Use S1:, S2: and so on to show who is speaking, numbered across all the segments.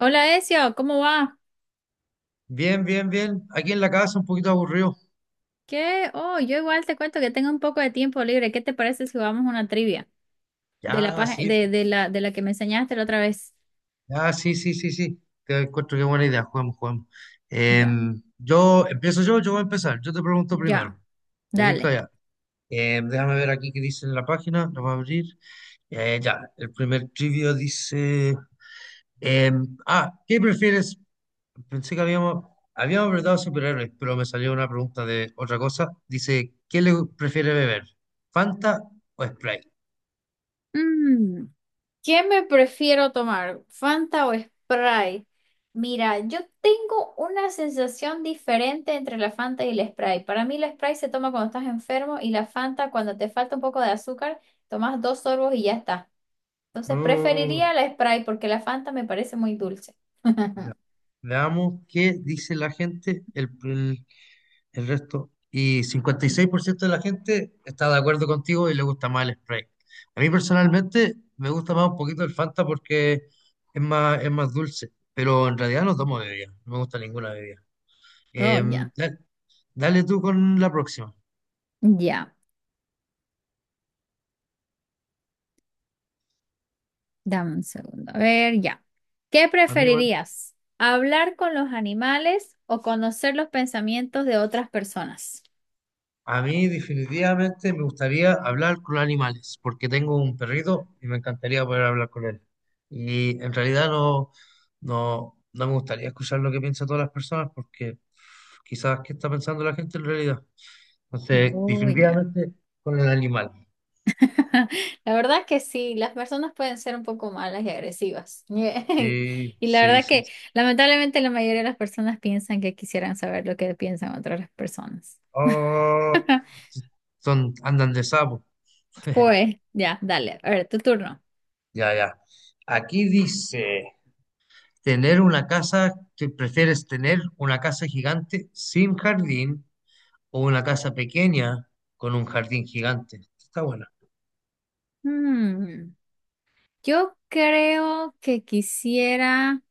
S1: Hola Ezio, ¿cómo va?
S2: Bien, bien, bien. Aquí en la casa un poquito aburrido.
S1: ¿Qué? Oh, yo igual te cuento que tengo un poco de tiempo libre. ¿Qué te parece si jugamos una trivia
S2: Ya, sí,
S1: de la que me enseñaste la otra vez?
S2: ya, sí, sí, sí, sí. Te encuentro qué buena idea. Juguemos, juguemos.
S1: Ya,
S2: Yo empiezo yo voy a empezar. Yo te pregunto primero.
S1: ya,
S2: Te digo
S1: dale.
S2: ya. Déjame ver aquí qué dice en la página. La voy a abrir. Ya, el primer trivio dice. ¿Qué prefieres? Pensé que habíamos preguntado superhéroes, pero me salió una pregunta de otra cosa. Dice, ¿qué le prefiere beber? ¿Fanta o Sprite?
S1: Mm, ¿qué me prefiero tomar? ¿Fanta o Sprite? Mira, yo tengo una sensación diferente entre la Fanta y el Sprite. Para mí la Sprite se toma cuando estás enfermo y la Fanta cuando te falta un poco de azúcar, tomas dos sorbos y ya está. Entonces preferiría
S2: Oh.
S1: la Sprite porque la Fanta me parece muy dulce.
S2: Ya. Veamos qué dice la gente, el resto. Y 56% de la gente está de acuerdo contigo y le gusta más el Sprite. A mí personalmente me gusta más un poquito el Fanta porque es es más dulce, pero en realidad no tomo bebida, no me gusta ninguna bebida.
S1: Oh,
S2: Em,
S1: ya,
S2: da- dale tú con la próxima.
S1: ya. Dame un segundo. A ver, ya. ¿Qué
S2: Amigo.
S1: preferirías? ¿Hablar con los animales o conocer los pensamientos de otras personas?
S2: A mí definitivamente me gustaría hablar con animales, porque tengo un perrito y me encantaría poder hablar con él. Y en realidad no me gustaría escuchar lo que piensan todas las personas, porque quizás qué está pensando la gente en realidad. Entonces,
S1: Oh, ya.
S2: definitivamente con el animal.
S1: La verdad que sí, las personas pueden ser un poco malas y agresivas.
S2: Sí,
S1: Y la
S2: sí,
S1: verdad
S2: sí.
S1: que lamentablemente la mayoría de las personas piensan que quisieran saber lo que piensan otras personas.
S2: Oh, son, andan de sapo.
S1: Pues, ya, dale. A ver, tu turno.
S2: Ya, ya. Aquí dice. Que prefieres tener una casa gigante sin jardín o una casa pequeña con un jardín gigante. Está buena,
S1: Hmm, yo creo que quisiera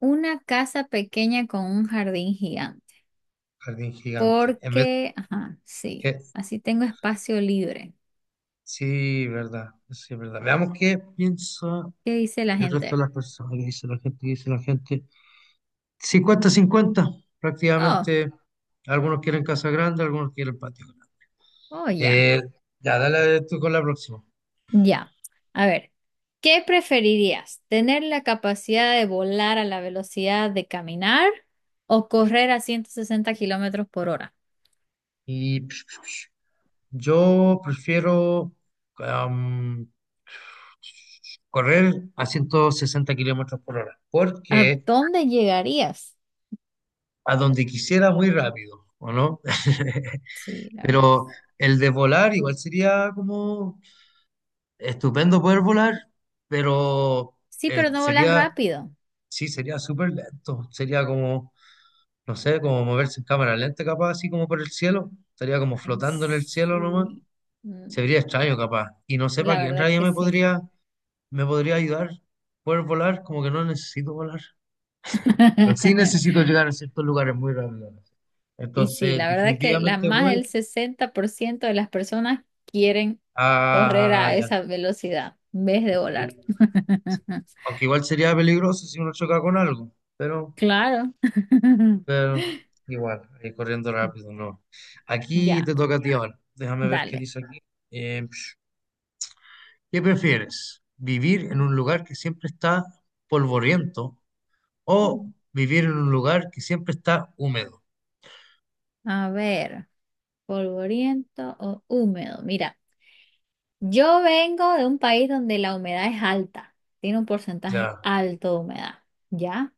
S1: una casa pequeña con un jardín gigante,
S2: jardín gigante. En vez
S1: porque,
S2: de
S1: ajá, sí,
S2: que,
S1: así tengo espacio libre.
S2: sí, verdad, sí, verdad. Veamos qué piensa
S1: ¿Qué dice la
S2: el resto de
S1: gente?
S2: las personas, qué dice la gente. Cincuenta cincuenta
S1: Oh,
S2: prácticamente. Algunos quieren casa grande, algunos quieren patio grande.
S1: oh, ya,
S2: Eh, ya, dale tú con la próxima.
S1: ya. A ver, ¿qué preferirías? ¿Tener la capacidad de volar a la velocidad de caminar o correr a 160 kilómetros por hora?
S2: Y yo prefiero am, correr a 160 kilómetros por hora,
S1: ¿A
S2: porque
S1: dónde llegarías?
S2: a donde quisiera muy rápido, ¿o no?
S1: Sí, la verdad que sí.
S2: Pero el de volar igual sería como estupendo poder volar, pero
S1: Sí,
S2: eh,
S1: pero no volas
S2: sería,
S1: rápido.
S2: sí, sería súper lento, sería como, no sé, como moverse en cámara lenta capaz, así como por el cielo, estaría como
S1: Ay,
S2: flotando en el cielo nomás,
S1: sí. Mm,
S2: se vería extraño capaz, y no sé para
S1: la
S2: qué en
S1: verdad
S2: realidad
S1: que sí.
S2: me podría ayudar poder volar, como que no necesito volar. Pero sí necesito llegar a ciertos lugares muy rápido, ¿no?
S1: Y sí,
S2: Entonces,
S1: la verdad que la,
S2: definitivamente
S1: más
S2: voy
S1: del 60% de las personas quieren correr a
S2: ya,
S1: esa velocidad en vez de volar.
S2: eh, sí. Aunque igual sería peligroso si uno choca con algo, pero,
S1: Claro.
S2: pero igual, corriendo rápido, no. Aquí
S1: Ya,
S2: te toca a ti ahora. Déjame ver qué
S1: dale.
S2: dice aquí. Eh, ¿Qué prefieres? ¿Vivir en un lugar que siempre está polvoriento o vivir en un lugar que siempre está húmedo?
S1: A ver, polvoriento o húmedo. Mira, yo vengo de un país donde la humedad es alta, tiene un porcentaje
S2: Ya.
S1: alto de humedad, ¿ya?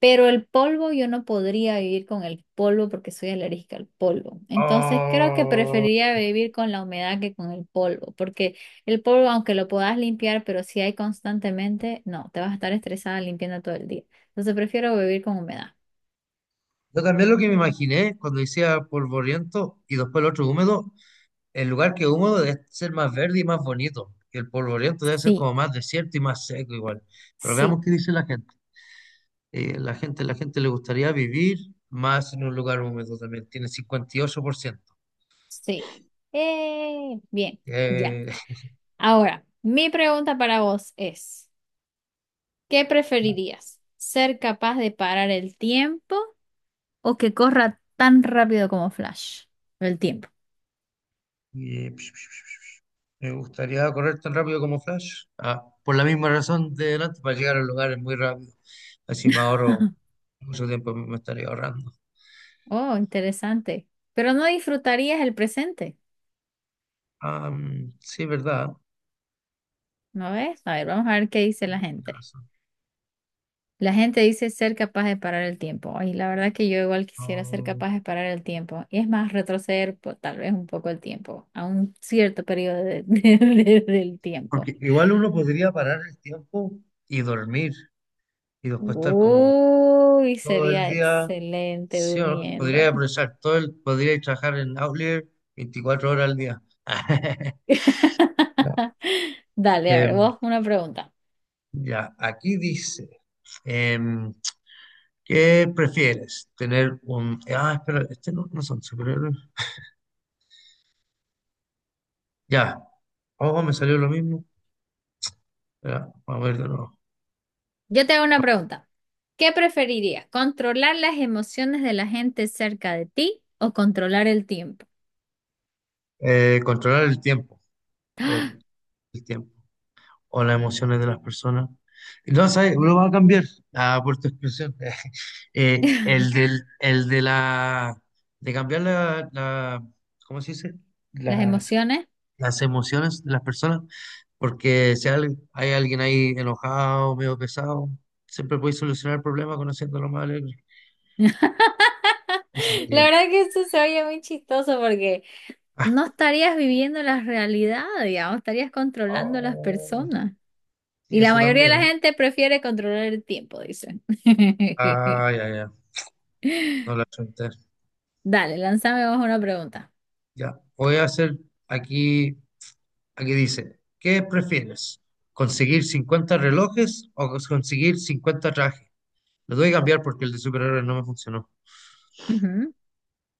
S1: Pero el polvo, yo no podría vivir con el polvo porque soy alérgica al polvo. Entonces creo que
S2: Oh.
S1: preferiría vivir con la humedad que con el polvo, porque el polvo, aunque lo puedas limpiar, pero si hay constantemente, no, te vas a estar estresada limpiando todo el día. Entonces prefiero vivir con humedad.
S2: Yo también lo que me imaginé cuando decía polvoriento y después el otro húmedo, el lugar que es húmedo debe ser más verde y más bonito. Y el polvoriento debe ser
S1: Sí,
S2: como más desierto y más seco igual. Pero veamos
S1: sí,
S2: qué dice la gente. La gente le gustaría vivir más en un lugar húmedo también. Tiene 58%.
S1: sí. Bien, ya.
S2: Eh,
S1: Ahora, mi pregunta para vos es, ¿qué preferirías? ¿Ser capaz de parar el tiempo o que corra tan rápido como Flash, el tiempo?
S2: y, me gustaría correr tan rápido como Flash. Ah, por la misma razón de delante, para llegar a lugares muy rápido. Así me ahorro mucho tiempo, me estaría ahorrando.
S1: Oh, interesante. Pero no disfrutarías el presente,
S2: Sí, verdad.
S1: ¿no ves? A ver, vamos a ver qué dice la
S2: Tienes
S1: gente.
S2: razón.
S1: La gente dice ser capaz de parar el tiempo. Ay, la verdad que yo igual quisiera ser
S2: No.
S1: capaz de parar el tiempo. Y es más, retroceder tal vez un poco el tiempo, a un cierto periodo del tiempo.
S2: Porque igual uno podría parar el tiempo y dormir y después estar como
S1: Uy,
S2: todo el
S1: sería
S2: día.
S1: excelente
S2: Sí, podría
S1: durmiendo.
S2: aprovechar todo podría trabajar en Outlier 24 horas al día. Ya.
S1: Dale, a ver,
S2: Em,
S1: vos una pregunta.
S2: ya, aquí dice, em, ¿qué prefieres? Ah, espera, este no son superhéroes. Ya, oh, me salió lo mismo. Espera, vamos a ver de nuevo.
S1: Yo te hago una pregunta. ¿Qué preferirías? ¿Controlar las emociones de la gente cerca de ti o controlar el tiempo?
S2: Controlar el tiempo. El tiempo o las emociones de las personas. No, ¿sabes? Lo va a cambiar por tu expresión. El del, el de la, de cambiar ¿cómo se dice?
S1: Las
S2: Las,
S1: emociones.
S2: las emociones de las personas, porque si hay alguien ahí enojado, medio pesado, siempre puedes solucionar el problema conociéndolo más alegre. Eso
S1: La
S2: sería.
S1: verdad que eso se oye muy chistoso porque
S2: Ah,
S1: no estarías viviendo la realidad, digamos, estarías controlando a las
S2: oh,
S1: personas.
S2: sí,
S1: Y la
S2: eso
S1: mayoría de la
S2: también.
S1: gente prefiere controlar el tiempo, dicen.
S2: Ah, ya, ya, no la apunté.
S1: Dale, lánzame vos una pregunta.
S2: Ya, voy a hacer aquí. Aquí dice, ¿qué prefieres? ¿Conseguir 50 relojes o conseguir 50 trajes? Lo voy a cambiar porque el de superhéroes no me funcionó.
S1: Ujú.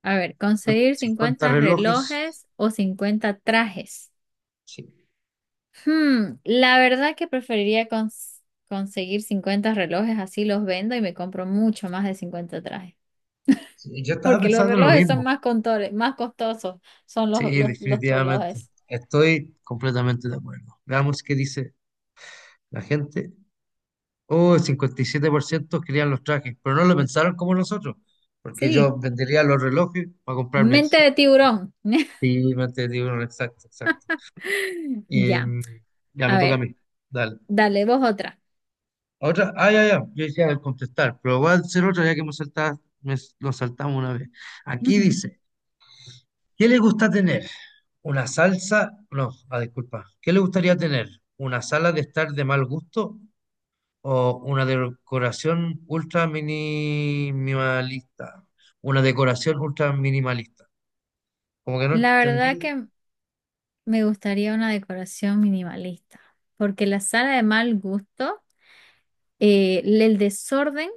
S1: A ver, ¿conseguir
S2: 50
S1: 50
S2: relojes.
S1: relojes o 50 trajes?
S2: Sí.
S1: Hmm, la verdad que preferiría conseguir 50 relojes, así los vendo y me compro mucho más de 50 trajes.
S2: Sí, yo estaba
S1: Porque los
S2: pensando en lo
S1: relojes son
S2: mismo.
S1: más contores, más costosos, son los,
S2: Sí,
S1: los, los
S2: definitivamente.
S1: relojes.
S2: Estoy completamente de acuerdo. Veamos qué dice la gente. Oh, el 57% querían los trajes, pero no lo pensaron como nosotros, porque
S1: Sí,
S2: yo vendería los relojes para comprarme.
S1: mente
S2: Sí,
S1: de tiburón.
S2: me entendí, bueno, exacto, exacto. Y
S1: Ya,
S2: mm, ya me
S1: a
S2: toca a
S1: ver,
S2: mí. Dale.
S1: dale vos otra.
S2: Otra, yo decía al contestar, pero voy a hacer otra ya que hemos saltado, lo saltamos una vez. Aquí
S1: Ujú.
S2: dice, ¿qué le gusta tener? ¿Una salsa? No, ah, disculpa. ¿Qué le gustaría tener? ¿Una sala de estar de mal gusto o una decoración ultra minimalista? Una decoración ultra minimalista. Como que no
S1: La verdad
S2: entendí.
S1: que me gustaría una decoración minimalista, porque la sala de mal gusto. El desorden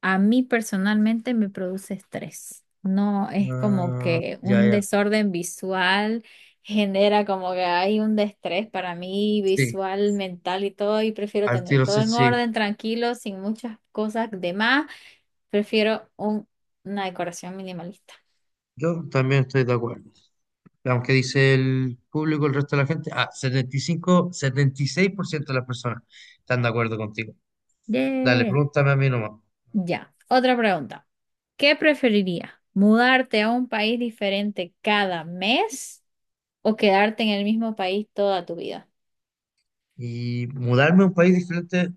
S1: a mí personalmente me produce estrés. No es como
S2: Ah,
S1: que
S2: ya,
S1: un
S2: ya.
S1: desorden visual genera como que hay un estrés para mí
S2: Sí,
S1: visual, mental y todo, y prefiero
S2: al
S1: tener
S2: tiro
S1: todo
S2: sí,
S1: en
S2: sí.
S1: orden, tranquilo, sin muchas cosas de más. Prefiero una decoración minimalista.
S2: Yo también estoy de acuerdo. Veamos qué dice el público, el resto de la gente. Ah, 76% de las personas están de acuerdo contigo. Dale,
S1: Yeah.
S2: pregúntame a mí nomás.
S1: Ya, otra pregunta. ¿Qué preferirías? ¿Mudarte a un país diferente cada mes o quedarte en el mismo país toda tu vida?
S2: Y mudarme a un país diferente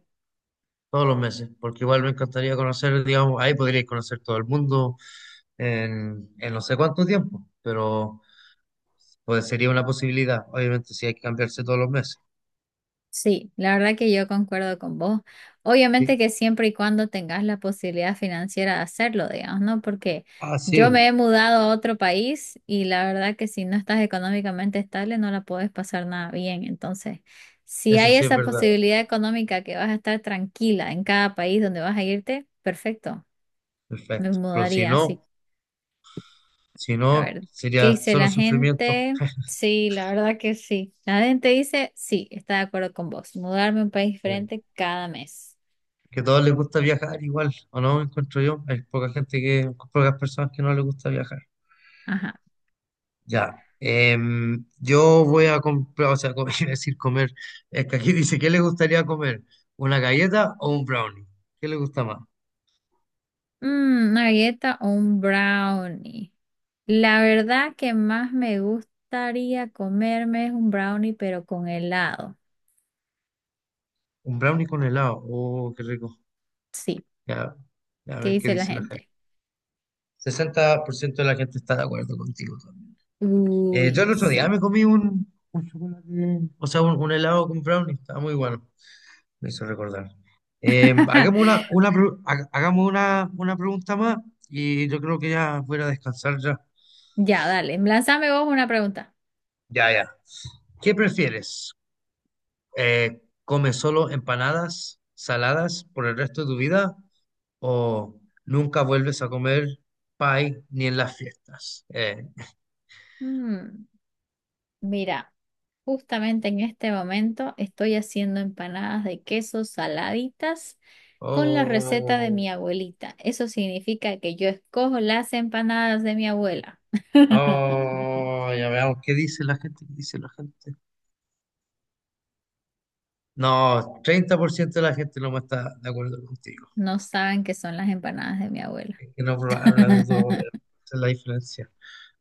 S2: todos los meses, porque igual me encantaría conocer, digamos, ahí podríais conocer todo el mundo en no sé cuánto tiempo, pero pues sería una posibilidad, obviamente, si hay que cambiarse todos los meses.
S1: Sí, la verdad que yo concuerdo con vos. Obviamente
S2: Sí.
S1: que siempre y cuando tengas la posibilidad financiera de hacerlo, digamos, ¿no? Porque
S2: Ah, sí,
S1: yo me he mudado a otro país y la verdad que si no estás económicamente estable no la puedes pasar nada bien. Entonces, si
S2: eso
S1: hay
S2: sí es
S1: esa
S2: verdad.
S1: posibilidad económica que vas a estar tranquila en cada país donde vas a irte, perfecto. Me
S2: Perfecto. Pero si
S1: mudaría así.
S2: no, si
S1: A
S2: no,
S1: ver, ¿qué
S2: sería
S1: dice
S2: solo
S1: la
S2: sufrimiento.
S1: gente? Sí, la verdad que sí. La gente dice, sí, está de acuerdo con vos. Mudarme a un país diferente cada mes.
S2: Que a todos les gusta viajar igual, ¿o no? Encuentro yo. Hay poca gente que, pocas personas que no les gusta viajar.
S1: Ajá.
S2: Ya. Yo voy a comprar, o sea, comer, iba a decir comer. Es que aquí dice, ¿qué le gustaría comer? ¿Una galleta o un brownie? ¿Qué le gusta más?
S1: Mm, una galleta o un brownie. La verdad que más me gustaría comerme es un brownie, pero con helado.
S2: Un brownie con helado. Oh, qué rico.
S1: Sí.
S2: Ya, ya, a
S1: ¿Qué
S2: ver qué
S1: dice la
S2: dice la gente.
S1: gente?
S2: 60% de la gente está de acuerdo contigo también. Yo
S1: Uy,
S2: el otro día
S1: sí.
S2: me comí un chocolate, o sea, un helado con brownie. Estaba muy bueno. Me hizo recordar. Hagamos una pregunta más y yo creo que ya voy a descansar ya.
S1: Ya, dale. Lánzame vos una pregunta.
S2: Ya, ya. ¿Qué prefieres? ¿Come solo empanadas saladas por el resto de tu vida o nunca vuelves a comer pie ni en las fiestas?
S1: Mm, mira. Justamente en este momento estoy haciendo empanadas de queso saladitas con la receta de
S2: Oh,
S1: mi abuelita. Eso significa que yo escojo las empanadas de mi abuela.
S2: oh, ya veamos qué dice la gente, qué dice la gente. No, 30% de la gente no está de acuerdo contigo.
S1: No saben qué son las empanadas de mi abuela.
S2: Es que no hablas de todo, esa es la diferencia.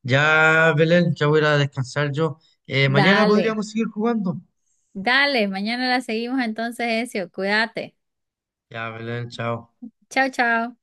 S2: Ya, Belén, ya voy a ir a descansar yo. Mañana
S1: Dale,
S2: podríamos seguir jugando.
S1: dale, mañana la seguimos entonces, Ezio. Cuídate.
S2: Ya, Belén, chao.
S1: Chao, chao.